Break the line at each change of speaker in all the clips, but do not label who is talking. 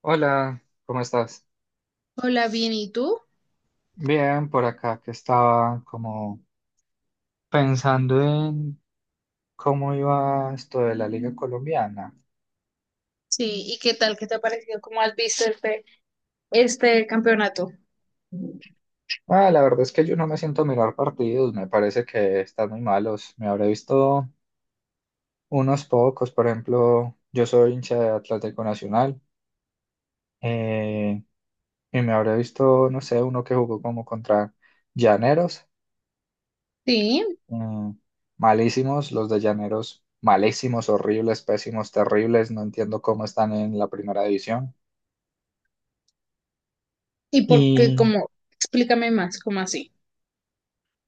Hola, ¿cómo estás?
Hola, bien, ¿y tú?
Bien, por acá que estaba como pensando en cómo iba esto de la Liga Colombiana.
Sí, ¿y qué tal? ¿Qué te ha parecido? ¿Cómo has visto el pe?
Ah, la verdad es que yo no me siento a mirar partidos, me parece que están muy malos. Me habré visto unos pocos, por ejemplo, yo soy hincha de Atlético Nacional eh, y me habré visto, no sé, uno que jugó como contra Llaneros
Sí,
Mm, Malísimos, los de Llaneros, malísimos, horribles, pésimos, terribles. No entiendo cómo están en la primera división.
¿y por qué?
Y
¿Cómo? Explícame más, ¿cómo así?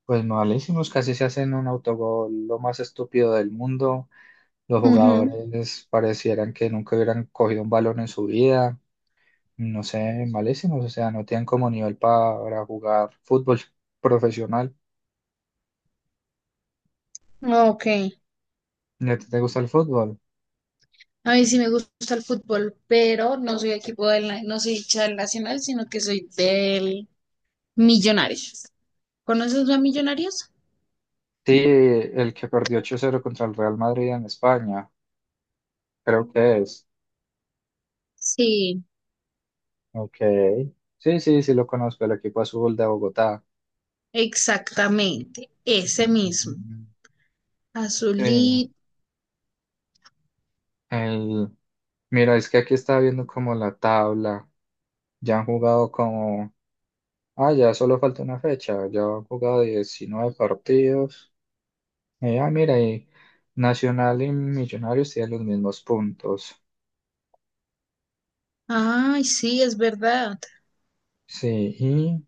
pues malísimos, casi se hacen un autogol, lo más estúpido del mundo. Los
Ujú.
jugadores parecieran que nunca hubieran cogido un balón en su vida. No sé, malísimos, o sea, no tienen como nivel para jugar fútbol profesional.
Ok.
¿Y a ti te gusta el fútbol?
A mí sí me gusta el fútbol, pero no soy equipo del, na- no soy hincha del Nacional, sino que soy del Millonarios. ¿Conoces a Millonarios?
Sí, el que perdió 8-0 contra el Real Madrid en España, creo que es.
Sí.
Ok. Sí, sí, sí lo conozco, el equipo azul de Bogotá.
Exactamente, ese mismo.
Mm.
Azulí.
Sí, el... Mira, es que aquí estaba viendo como la tabla. Ya han jugado como... Ah, ya solo falta una fecha. Ya han jugado 19 partidos. Y, ah, mira, y Nacional y Millonarios tienen los mismos puntos.
Ay, sí, es verdad.
Sí, y...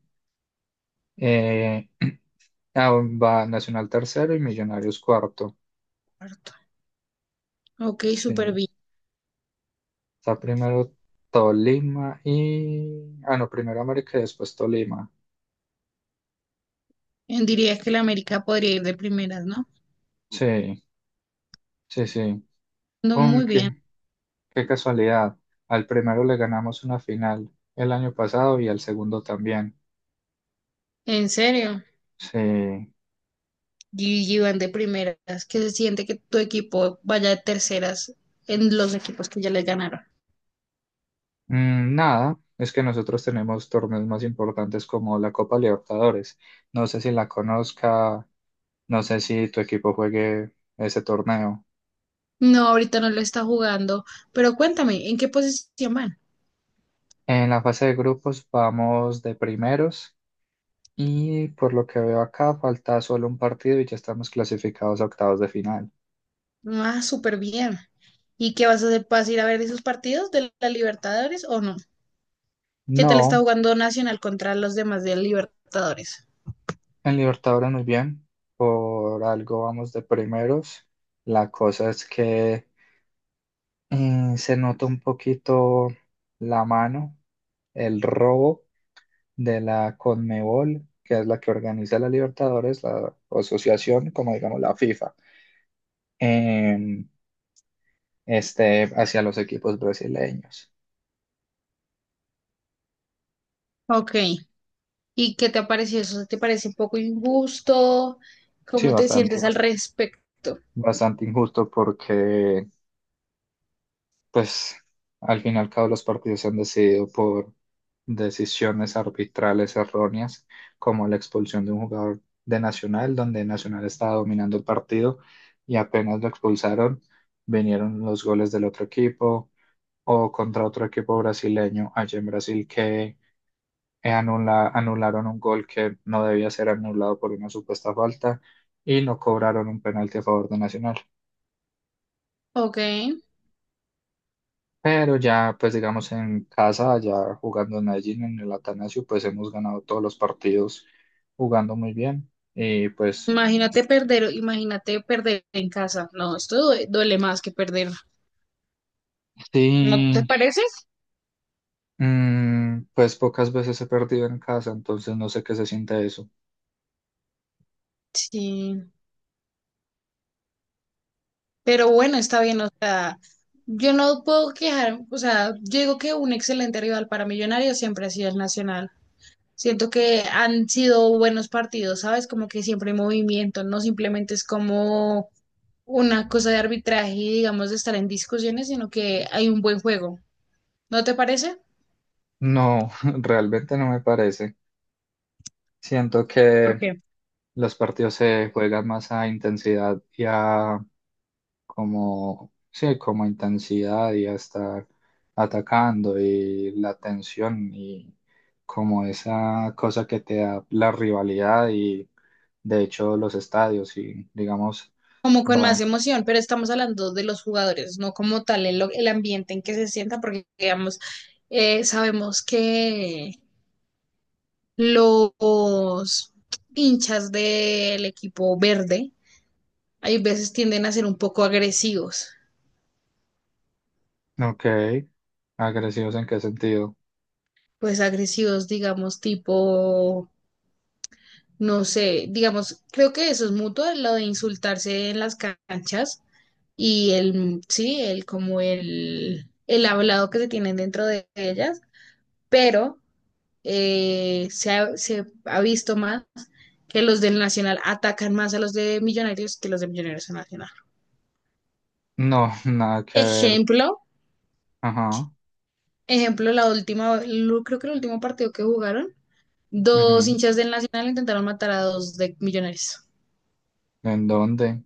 eh, ah, va Nacional tercero y Millonarios cuarto.
Harto. Ok, súper
Sí.
bien.
Está primero Tolima y... Ah, no, primero América y después Tolima.
Dirías que la América podría ir de primeras, ¿no?
Sí, sí, sí.
No, muy bien,
Aunque, qué casualidad. Al primero le ganamos una final el año pasado y al segundo también.
¿en serio?
Sí.
Y van de primeras, ¿que se siente que tu equipo vaya de terceras en los equipos que ya les ganaron?
Mm, nada, es que nosotros tenemos torneos más importantes como la Copa Libertadores. No sé si la conozca, no sé si tu equipo juegue ese torneo.
No, ahorita no lo está jugando, pero cuéntame, ¿en qué posición van?
En la fase de grupos vamos de primeros. Y por lo que veo acá, falta solo un partido y ya estamos clasificados a octavos de final.
Ah, súper bien. ¿Y qué vas a hacer? ¿Vas a ir a ver esos partidos de la Libertadores o no? ¿Qué tal está
No,
jugando Nacional contra los demás de la Libertadores?
en Libertadores muy bien. Por algo vamos de primeros. La cosa es que se nota un poquito la mano, el robo de la Conmebol, que es la que organiza la Libertadores, la asociación, como digamos la FIFA, em, hacia los equipos brasileños.
Ok, ¿y qué te ha parecido eso? ¿Te parece un poco injusto?
Sí,
¿Cómo te
bastante,
sientes al respecto?
bastante injusto porque pues al fin y al cabo los partidos se han decidido por decisiones arbitrales erróneas, como la expulsión de un jugador de Nacional, donde Nacional estaba dominando el partido y apenas lo expulsaron, vinieron los goles del otro equipo o contra otro equipo brasileño allá en Brasil que anularon un gol que no debía ser anulado por una supuesta falta y no cobraron un penalti a favor de Nacional.
Ok.
Pero ya, pues digamos, en casa, ya jugando en Medellín, en el Atanasio, pues hemos ganado todos los partidos jugando muy bien. Y pues
Imagínate perder en casa. No, esto due- duele más que perder. ¿No te
sí,
parece?
pues pocas veces he perdido en casa, entonces no sé qué se siente eso.
Sí. Pero bueno, está bien. O sea, yo no puedo quejar. O sea, yo digo que un excelente rival para Millonarios siempre ha sido el Nacional. Siento que han sido buenos partidos, ¿sabes? Como que siempre hay movimiento. No simplemente es como una cosa de arbitraje y digamos de estar en discusiones, sino que hay un buen juego. ¿No te parece?
No, realmente no me parece. Siento
¿Por
que
qué?
los partidos se juegan más a intensidad y a como, sí, como intensidad y hasta atacando y la tensión y como esa cosa que te da la rivalidad y de hecho los estadios y digamos,
Como con más
va,
emoción, pero estamos hablando de los jugadores, no como tal el ambiente en que se sienta, porque digamos, sabemos que los hinchas del equipo verde hay veces tienden a ser un poco agresivos,
ok, ¿agresivos en qué sentido?
pues agresivos, digamos, tipo, no sé, digamos, creo que eso es mutuo, lo de insultarse en las canchas y el, sí, el hablado que se tienen dentro de ellas, pero se ha visto más que los del Nacional atacan más a los de Millonarios que los de Millonarios a Nacional.
No, nada que ver,
Ejemplo,
ajá,
ejemplo, la última, lo- creo que el último partido que jugaron, dos
ujú.
hinchas del Nacional intentaron matar a dos de Millonarios,
¿En dónde?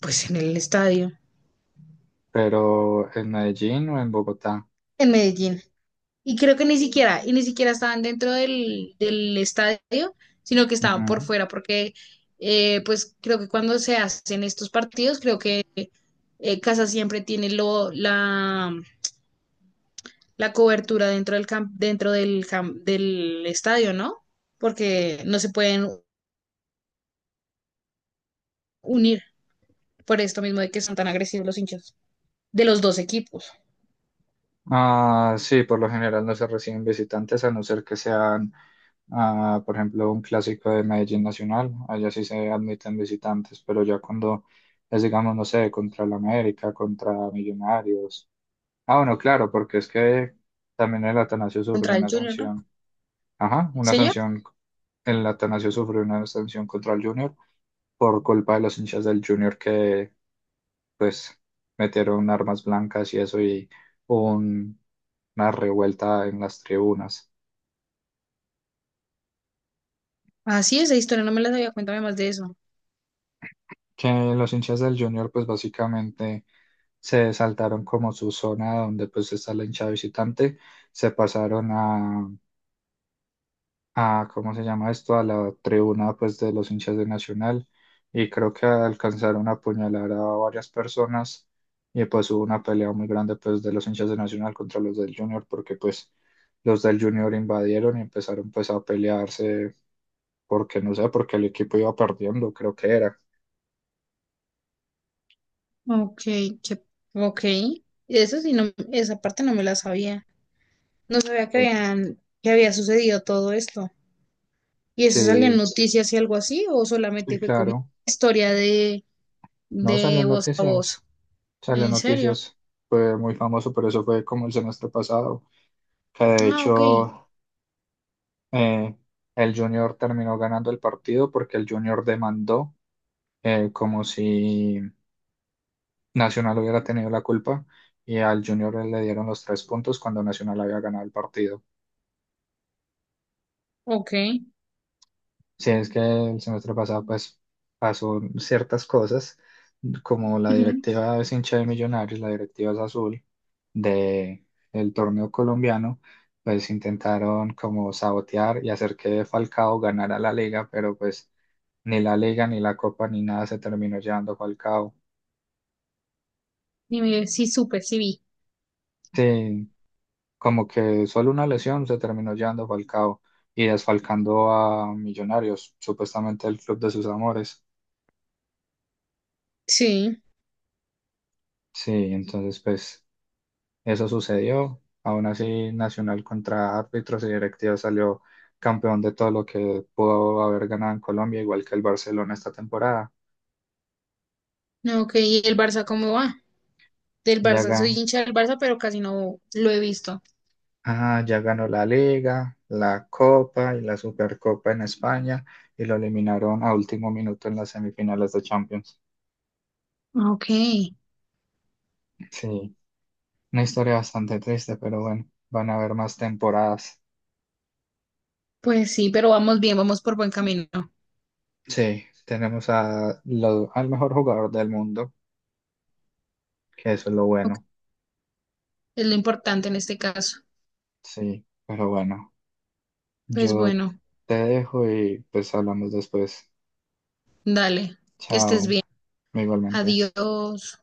pues en el estadio,
Pero ¿en Medellín o en Bogotá?
en Medellín. Y creo que ni siquiera, y ni siquiera estaban dentro del estadio, sino que estaban por
Ujú.
fuera, porque pues creo que cuando se hacen estos partidos, creo que Casa siempre tiene la cobertura dentro del camp- del estadio, ¿no? Porque no se pueden unir por esto mismo de que son tan agresivos los hinchas de los dos equipos
Ah, sí, por lo general no se reciben visitantes a no ser que sean, ah, por ejemplo, un clásico de Medellín Nacional. Allá sí se admiten visitantes, pero ya cuando es, digamos, no sé, contra el América, contra Millonarios. Ah, bueno, claro, porque es que también el Atanasio sufrió
contra el
una
Junior, ¿no?
sanción. Ajá, una
Señor,
sanción. El Atanasio sufrió una sanción contra el Junior por culpa de los hinchas del Junior que pues metieron armas blancas y eso y hubo una revuelta en las tribunas.
así es, esa historia no me la sabía, cuéntame más de eso.
Que los hinchas del Junior pues básicamente se saltaron como su zona donde pues está la hinchada visitante, se pasaron a, ¿cómo se llama esto? A la tribuna pues de los hinchas de Nacional y creo que alcanzaron a apuñalar a varias personas y pues hubo una pelea muy grande pues de los hinchas de Nacional contra los del Junior porque pues los del Junior invadieron y empezaron pues a pelearse porque no sé, porque el equipo iba perdiendo, creo que era.
Ok, qué- ok. Eso sí, no, esa parte no me la sabía. No sabía que
Sí,
habían, que había sucedido todo esto. ¿Y eso salió
sí,
en noticias y algo así? ¿O
sí,
solamente fue como
claro.
historia
No salió
de
en
voz a voz?
noticias. Salió en
¿En serio?
noticias. Fue muy famoso, pero eso fue como el semestre pasado. Que de
Ah, ok,
hecho eh, el Junior terminó ganando el partido porque el Junior demandó como si Nacional hubiera tenido la culpa y al Junior le dieron los 3 puntos cuando Nacional había ganado el partido.
ok.
Sí, es que el semestre pasado pues pasó ciertas cosas, como la
Ujú.
directiva es hincha de Millonarios, la directiva es azul de el torneo colombiano, pues intentaron como sabotear y hacer que Falcao ganara la liga, pero pues ni la liga ni la copa ni nada se terminó llevando Falcao.
Dime, sí supe, sí vi.
Sí, como que solo una lesión se terminó llevando Falcao y desfalcando a Millonarios, supuestamente el club de sus amores.
Sí.
Sí, entonces pues eso sucedió. Aún así, Nacional contra árbitros y directivos salió campeón de todo lo que pudo haber ganado en Colombia, igual que el Barcelona esta temporada.
No, ok, ¿y el Barça cómo va? Del
Ya,
Barça,
ga-
soy hincha del Barça, pero casi no lo he visto.
ya ganó la Liga, la Copa y la Supercopa en España y lo eliminaron a último minuto en las semifinales de Champions.
Ok,
Sí, una historia bastante triste, pero bueno, van a haber más temporadas.
pues sí, pero vamos bien, vamos por buen camino.
Sí, tenemos a al mejor jugador del mundo, que eso es lo
Ok,
bueno.
es lo importante en este caso.
Sí, pero bueno.
Pues
Yo
bueno,
te dejo y pues hablamos después.
dale, que estés
Chao,
bien.
igualmente.
Adiós.